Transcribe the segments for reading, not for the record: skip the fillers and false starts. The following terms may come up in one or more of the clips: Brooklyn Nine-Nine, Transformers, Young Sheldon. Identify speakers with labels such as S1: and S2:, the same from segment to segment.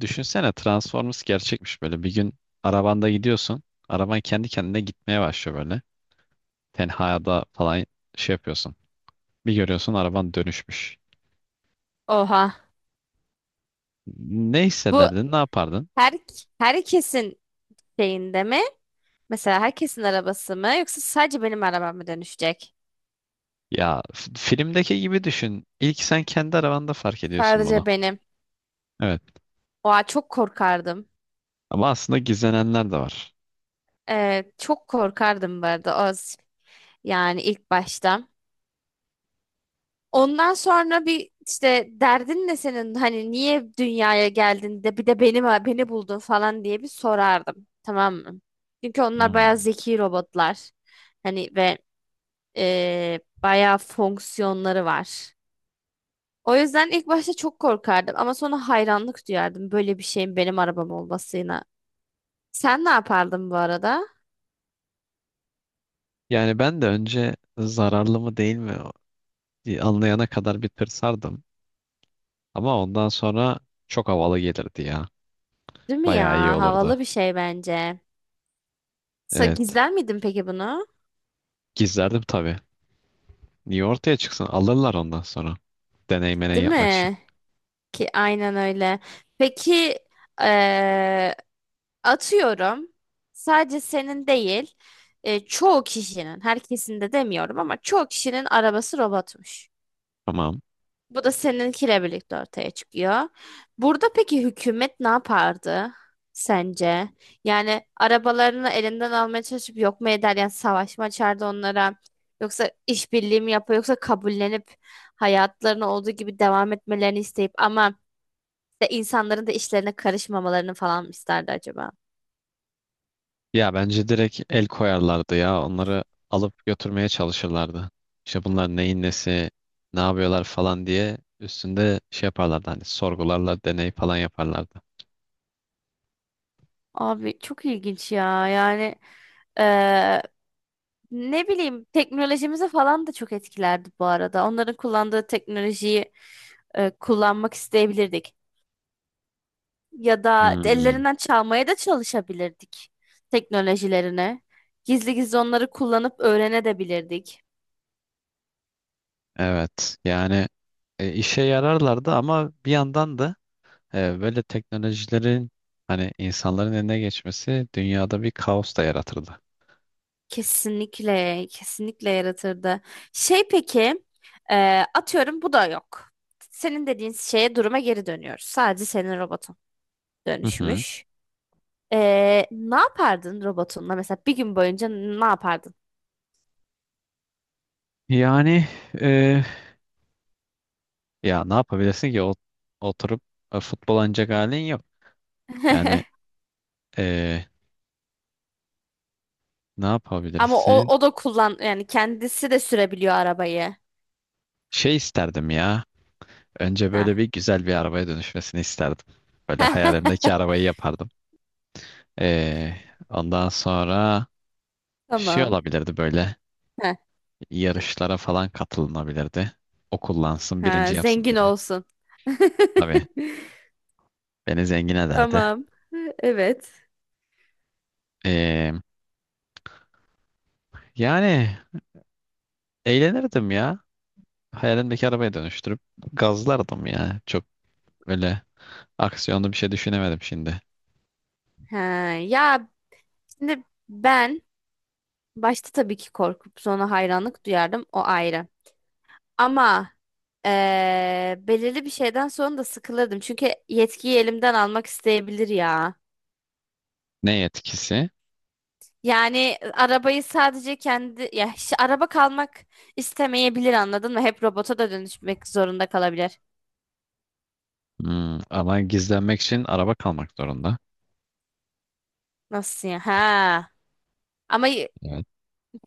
S1: Düşünsene Transformers gerçekmiş böyle. Bir gün arabanda gidiyorsun. Araban kendi kendine gitmeye başlıyor böyle. Tenhada falan şey yapıyorsun. Bir görüyorsun araban dönüşmüş.
S2: Oha.
S1: Ne
S2: Bu
S1: hissederdin, ne yapardın?
S2: her herkesin şeyinde mi? Mesela herkesin arabası mı? Yoksa sadece benim arabam mı dönüşecek?
S1: Ya filmdeki gibi düşün. İlk sen kendi arabanda fark ediyorsun bunu.
S2: Sadece benim.
S1: Evet.
S2: Oha çok korkardım.
S1: Ama aslında gizlenenler de var.
S2: Çok korkardım bu arada. O, yani ilk başta. Ondan sonra bir işte derdin ne senin? Hani niye dünyaya geldin de bir de benim beni buldun falan diye bir sorardım. Tamam mı? Çünkü onlar
S1: Hmm.
S2: bayağı zeki robotlar. Hani ve bayağı fonksiyonları var. O yüzden ilk başta çok korkardım ama sonra hayranlık duyardım böyle bir şeyin benim arabam olmasına. Sen ne yapardın bu arada?
S1: Yani ben de önce zararlı mı değil mi diye anlayana kadar bir tırsardım. Ama ondan sonra çok havalı gelirdi ya.
S2: Değil mi
S1: Bayağı iyi
S2: ya?
S1: olurdu.
S2: Havalı bir şey bence.
S1: Evet.
S2: Gizler miydin peki bunu?
S1: Gizlerdim tabii. Niye ortaya çıksın? Alırlar ondan sonra. Deney meney
S2: Değil
S1: yapmak için.
S2: mi? Ki aynen öyle. Peki eee, atıyorum sadece senin değil, çoğu kişinin, herkesin de demiyorum ama çoğu kişinin arabası robotmuş.
S1: Tamam.
S2: Bu da seninkiyle birlikte ortaya çıkıyor. Burada peki hükümet ne yapardı sence? Yani arabalarını elinden almaya çalışıp yok mu eder? Yani savaş mı açardı onlara? Yoksa işbirliği mi yapar? Yoksa kabullenip hayatlarına olduğu gibi devam etmelerini isteyip ama de insanların da işlerine karışmamalarını falan mı isterdi acaba?
S1: Ya bence direkt el koyarlardı ya. Onları alıp götürmeye çalışırlardı. İşte bunlar neyin nesi, ne yapıyorlar falan diye üstünde şey yaparlardı. Hani sorgularla deney falan yaparlardı.
S2: Abi çok ilginç ya. Yani eee, ne bileyim, teknolojimizi falan da çok etkilerdi bu arada. Onların kullandığı teknolojiyi kullanmak isteyebilirdik. Ya da
S1: Hmm.
S2: ellerinden çalmaya da çalışabilirdik teknolojilerini. Gizli gizli onları kullanıp öğrenebilirdik.
S1: Evet. Yani işe yararlardı ama bir yandan da böyle teknolojilerin hani insanların eline geçmesi dünyada bir kaos da yaratırdı.
S2: Kesinlikle, kesinlikle yaratırdı. Şey peki, e, atıyorum bu da yok. Senin dediğin şeye, duruma geri dönüyoruz. Sadece senin robotun
S1: Hı hı.
S2: dönüşmüş. Ne yapardın robotunla? Mesela bir gün boyunca ne yapardın?
S1: Yani e, ya ne yapabilirsin ki oturup futbol oynayacak halin yok. Yani e, ne
S2: Ama
S1: yapabilirsin?
S2: o, o da kullan yani kendisi de sürebiliyor arabayı.
S1: Şey isterdim ya. Önce böyle bir
S2: Ha.
S1: güzel bir arabaya dönüşmesini isterdim. Böyle hayalimdeki arabayı yapardım. Ee, ondan sonra şey
S2: Tamam.
S1: olabilirdi böyle
S2: Ha.
S1: yarışlara falan katılınabilirdi. O kullansın
S2: Ha,
S1: birinci yapsın
S2: zengin
S1: beni.
S2: olsun.
S1: Tabii beni zengin ederdi.
S2: Tamam. Evet.
S1: Ee, yani eğlenirdim ya. Hayalimdeki arabaya dönüştürüp gazlardım ya. Çok öyle aksiyonlu bir şey düşünemedim şimdi.
S2: Ha, ya şimdi ben başta tabii ki korkup sonra hayranlık duyardım, o ayrı. Ama belirli bir şeyden sonra da sıkılırdım. Çünkü yetkiyi elimden almak isteyebilir ya.
S1: Ne etkisi?
S2: Yani arabayı sadece kendi, ya hiç araba kalmak istemeyebilir, anladın mı? Hep robota da dönüşmek zorunda kalabilir.
S1: Hmm, ama gizlenmek için araba kalmak zorunda.
S2: Nasıl ya? Ha. Ama
S1: Evet.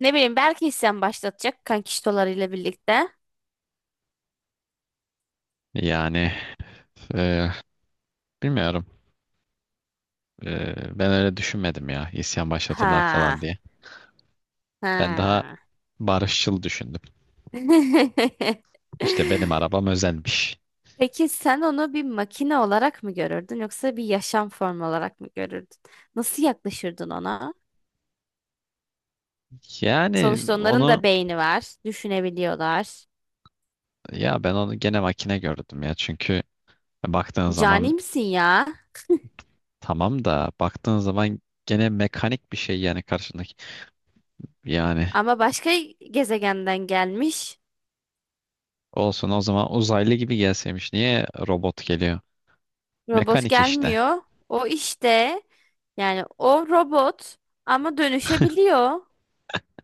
S2: ne bileyim belki isyan başlatacak kankiştolarıyla birlikte.
S1: Yani e, bilmiyorum. Ben öyle düşünmedim ya. İsyan başlatırlar falan
S2: Ha.
S1: diye. Ben daha
S2: Ha.
S1: barışçıl düşündüm. İşte benim arabam özelmiş.
S2: Peki sen onu bir makine olarak mı görürdün, yoksa bir yaşam formu olarak mı görürdün? Nasıl yaklaşırdın ona?
S1: Yani
S2: Sonuçta onların da
S1: onu
S2: beyni var, düşünebiliyorlar.
S1: ya ben onu gene makine gördüm ya. Çünkü baktığın
S2: Cani
S1: zaman
S2: misin ya?
S1: tamam da baktığın zaman gene mekanik bir şey yani karşındaki. Yani
S2: Ama başka gezegenden gelmiş.
S1: olsun o zaman uzaylı gibi gelseymiş. Niye robot geliyor?
S2: Robot
S1: Mekanik işte.
S2: gelmiyor. O işte, yani o robot ama dönüşebiliyor.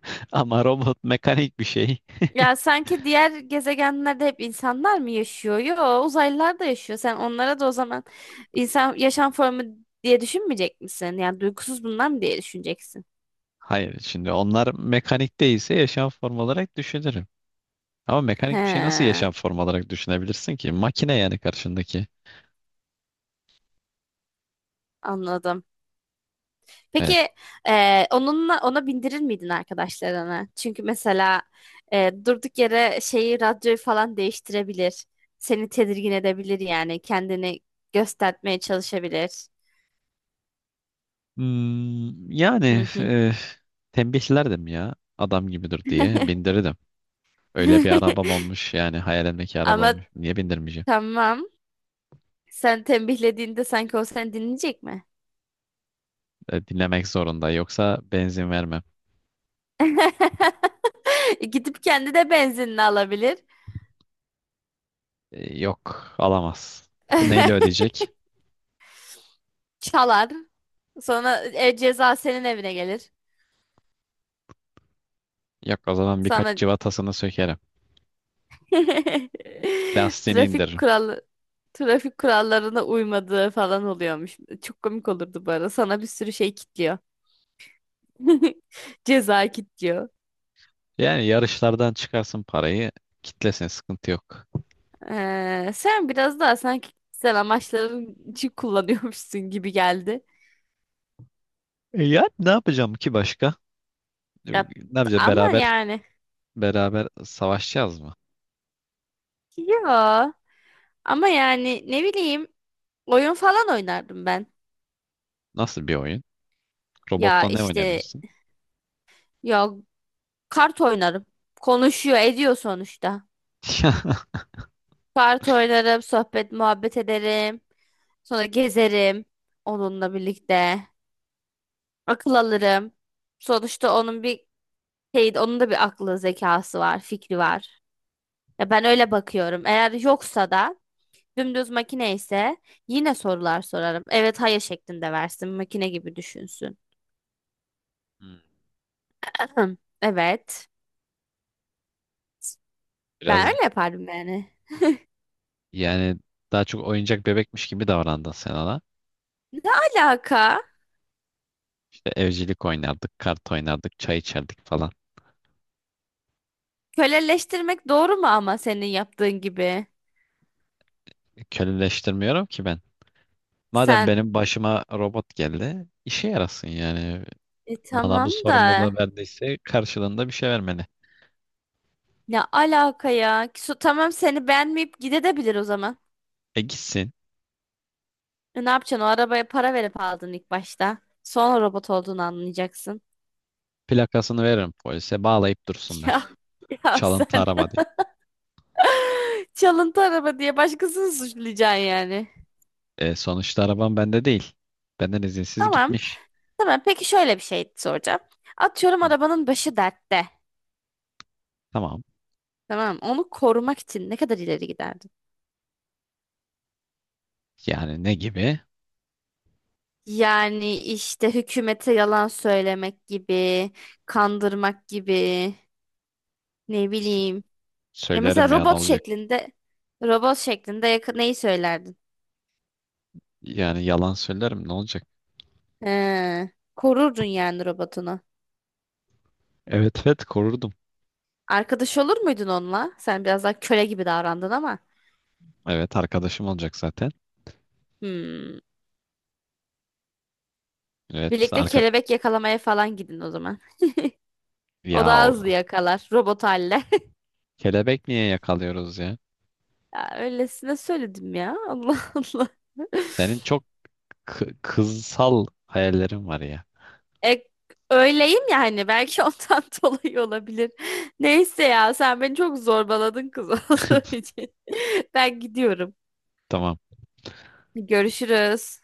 S1: Ama robot mekanik bir şey.
S2: Ya sanki diğer gezegenlerde hep insanlar mı yaşıyor? Yo, uzaylılar da yaşıyor. Sen onlara da o zaman insan yaşam formu diye düşünmeyecek misin? Yani duygusuz bunlar mı diye düşüneceksin?
S1: Hayır şimdi onlar mekanik değilse yaşam formu olarak düşünürüm. Ama mekanik bir şey nasıl
S2: He,
S1: yaşam formu olarak düşünebilirsin ki? Makine yani karşındaki.
S2: anladım.
S1: E,
S2: Peki onunla, ona bindirir miydin arkadaşlarına? Çünkü mesela durduk yere şeyi, radyoyu falan değiştirebilir. Seni tedirgin edebilir, yani kendini göstermeye çalışabilir.
S1: Hmm, yani
S2: Hı hı.
S1: e, Tembihlerdim ya adam gibidir diye bindirirdim. Öyle bir arabam olmuş yani hayalimdeki araba
S2: Ama
S1: olmuş. Niye bindirmeyeceğim?
S2: tamam. Sen tembihlediğinde sanki o seni dinleyecek mi?
S1: Dinlemek zorunda yoksa benzin vermem.
S2: Gidip kendi de benzinini alabilir.
S1: Yok alamaz. Bu neyle ödeyecek?
S2: Çalar. Sonra ceza senin evine gelir.
S1: Yok o zaman birkaç
S2: Sana
S1: cıvatasını sökerim. Lastiğini
S2: Trafik
S1: indiririm.
S2: kuralı trafik kurallarına uymadığı falan oluyormuş. Çok komik olurdu bu arada. Sana bir sürü şey kitliyor. Ceza kitliyor.
S1: Yani yarışlardan çıkarsın parayı kitlesin sıkıntı yok.
S2: Sen biraz daha sanki kişisel amaçların için kullanıyormuşsun gibi geldi.
S1: Yani ne yapacağım ki başka? E,
S2: Ya,
S1: Ne yapacağız
S2: ama
S1: beraber
S2: yani
S1: beraber savaşacağız mı?
S2: yo, ama yani ne bileyim oyun falan oynardım ben.
S1: Nasıl bir oyun?
S2: Ya
S1: Robotla ne
S2: işte,
S1: oynayabilirsin?
S2: ya kart oynarım. Konuşuyor, ediyor sonuçta. Kart oynarım, sohbet, muhabbet ederim. Sonra gezerim onunla birlikte. Akıl alırım. Sonuçta onun bir onun da bir aklı, zekası var, fikri var. Ya ben öyle bakıyorum. Eğer yoksa da, dümdüz makine ise, yine sorular sorarım. Evet, hayır şeklinde versin. Makine gibi düşünsün.
S1: Hmm.
S2: Ahem, evet. Ben
S1: Biraz
S2: öyle yapardım yani.
S1: yani daha çok oyuncak bebekmiş gibi davrandın sen ona.
S2: Ne alaka?
S1: İşte evcilik oynardık, kart oynardık, çay içerdik falan.
S2: Köleleştirmek doğru mu ama senin yaptığın gibi?
S1: Köleleştirmiyorum ki ben. Madem
S2: Sen
S1: benim başıma robot geldi, işe yarasın yani. Bana
S2: tamam
S1: bu
S2: da
S1: sorumluluğu verdiyse karşılığında bir şey vermeli.
S2: ne alaka ya? Su, tamam, seni beğenmeyip gidebilir o zaman.
S1: E gitsin,
S2: E, ne yapacaksın? O arabaya para verip aldın ilk başta. Sonra robot olduğunu anlayacaksın.
S1: plakasını veririm polise, bağlayıp dursunlar.
S2: Ya, ya
S1: Çalıntı
S2: sen
S1: araba diye.
S2: çalıntı araba diye başkasını suçlayacaksın yani.
S1: Sonuçta arabam bende değil. Benden izinsiz
S2: Tamam.
S1: gitmiş.
S2: Tamam. Peki şöyle bir şey soracağım. Atıyorum
S1: Hı,
S2: arabanın başı dertte.
S1: tamam.
S2: Tamam. Onu korumak için ne kadar ileri giderdin?
S1: Yani ne gibi?
S2: Yani işte hükümete yalan söylemek gibi, kandırmak gibi, ne
S1: S-
S2: bileyim. Ya mesela
S1: Söylerim ya ne olacak?
S2: robot şeklinde yakın neyi söylerdin?
S1: Yani yalan söylerim ne olacak?
S2: He, korurdun yani robotunu.
S1: Evet, evet korurdum.
S2: Arkadaş olur muydun onunla? Sen biraz daha köle gibi davrandın ama.
S1: Evet arkadaşım olacak zaten.
S2: Hmm.
S1: Evet
S2: Birlikte
S1: arka...
S2: kelebek yakalamaya falan gidin o zaman. O
S1: Ya
S2: daha hızlı
S1: o...
S2: yakalar robot halle.
S1: Kelebek niye yakalıyoruz ya?
S2: Ya öylesine söyledim ya. Allah Allah.
S1: Senin çok kızsal hayallerin var ya.
S2: E, Öyleyim ya, hani belki ondan dolayı olabilir. Neyse ya, sen beni çok zorbaladın kız olduğu için. Ben gidiyorum.
S1: Tamam.
S2: Görüşürüz.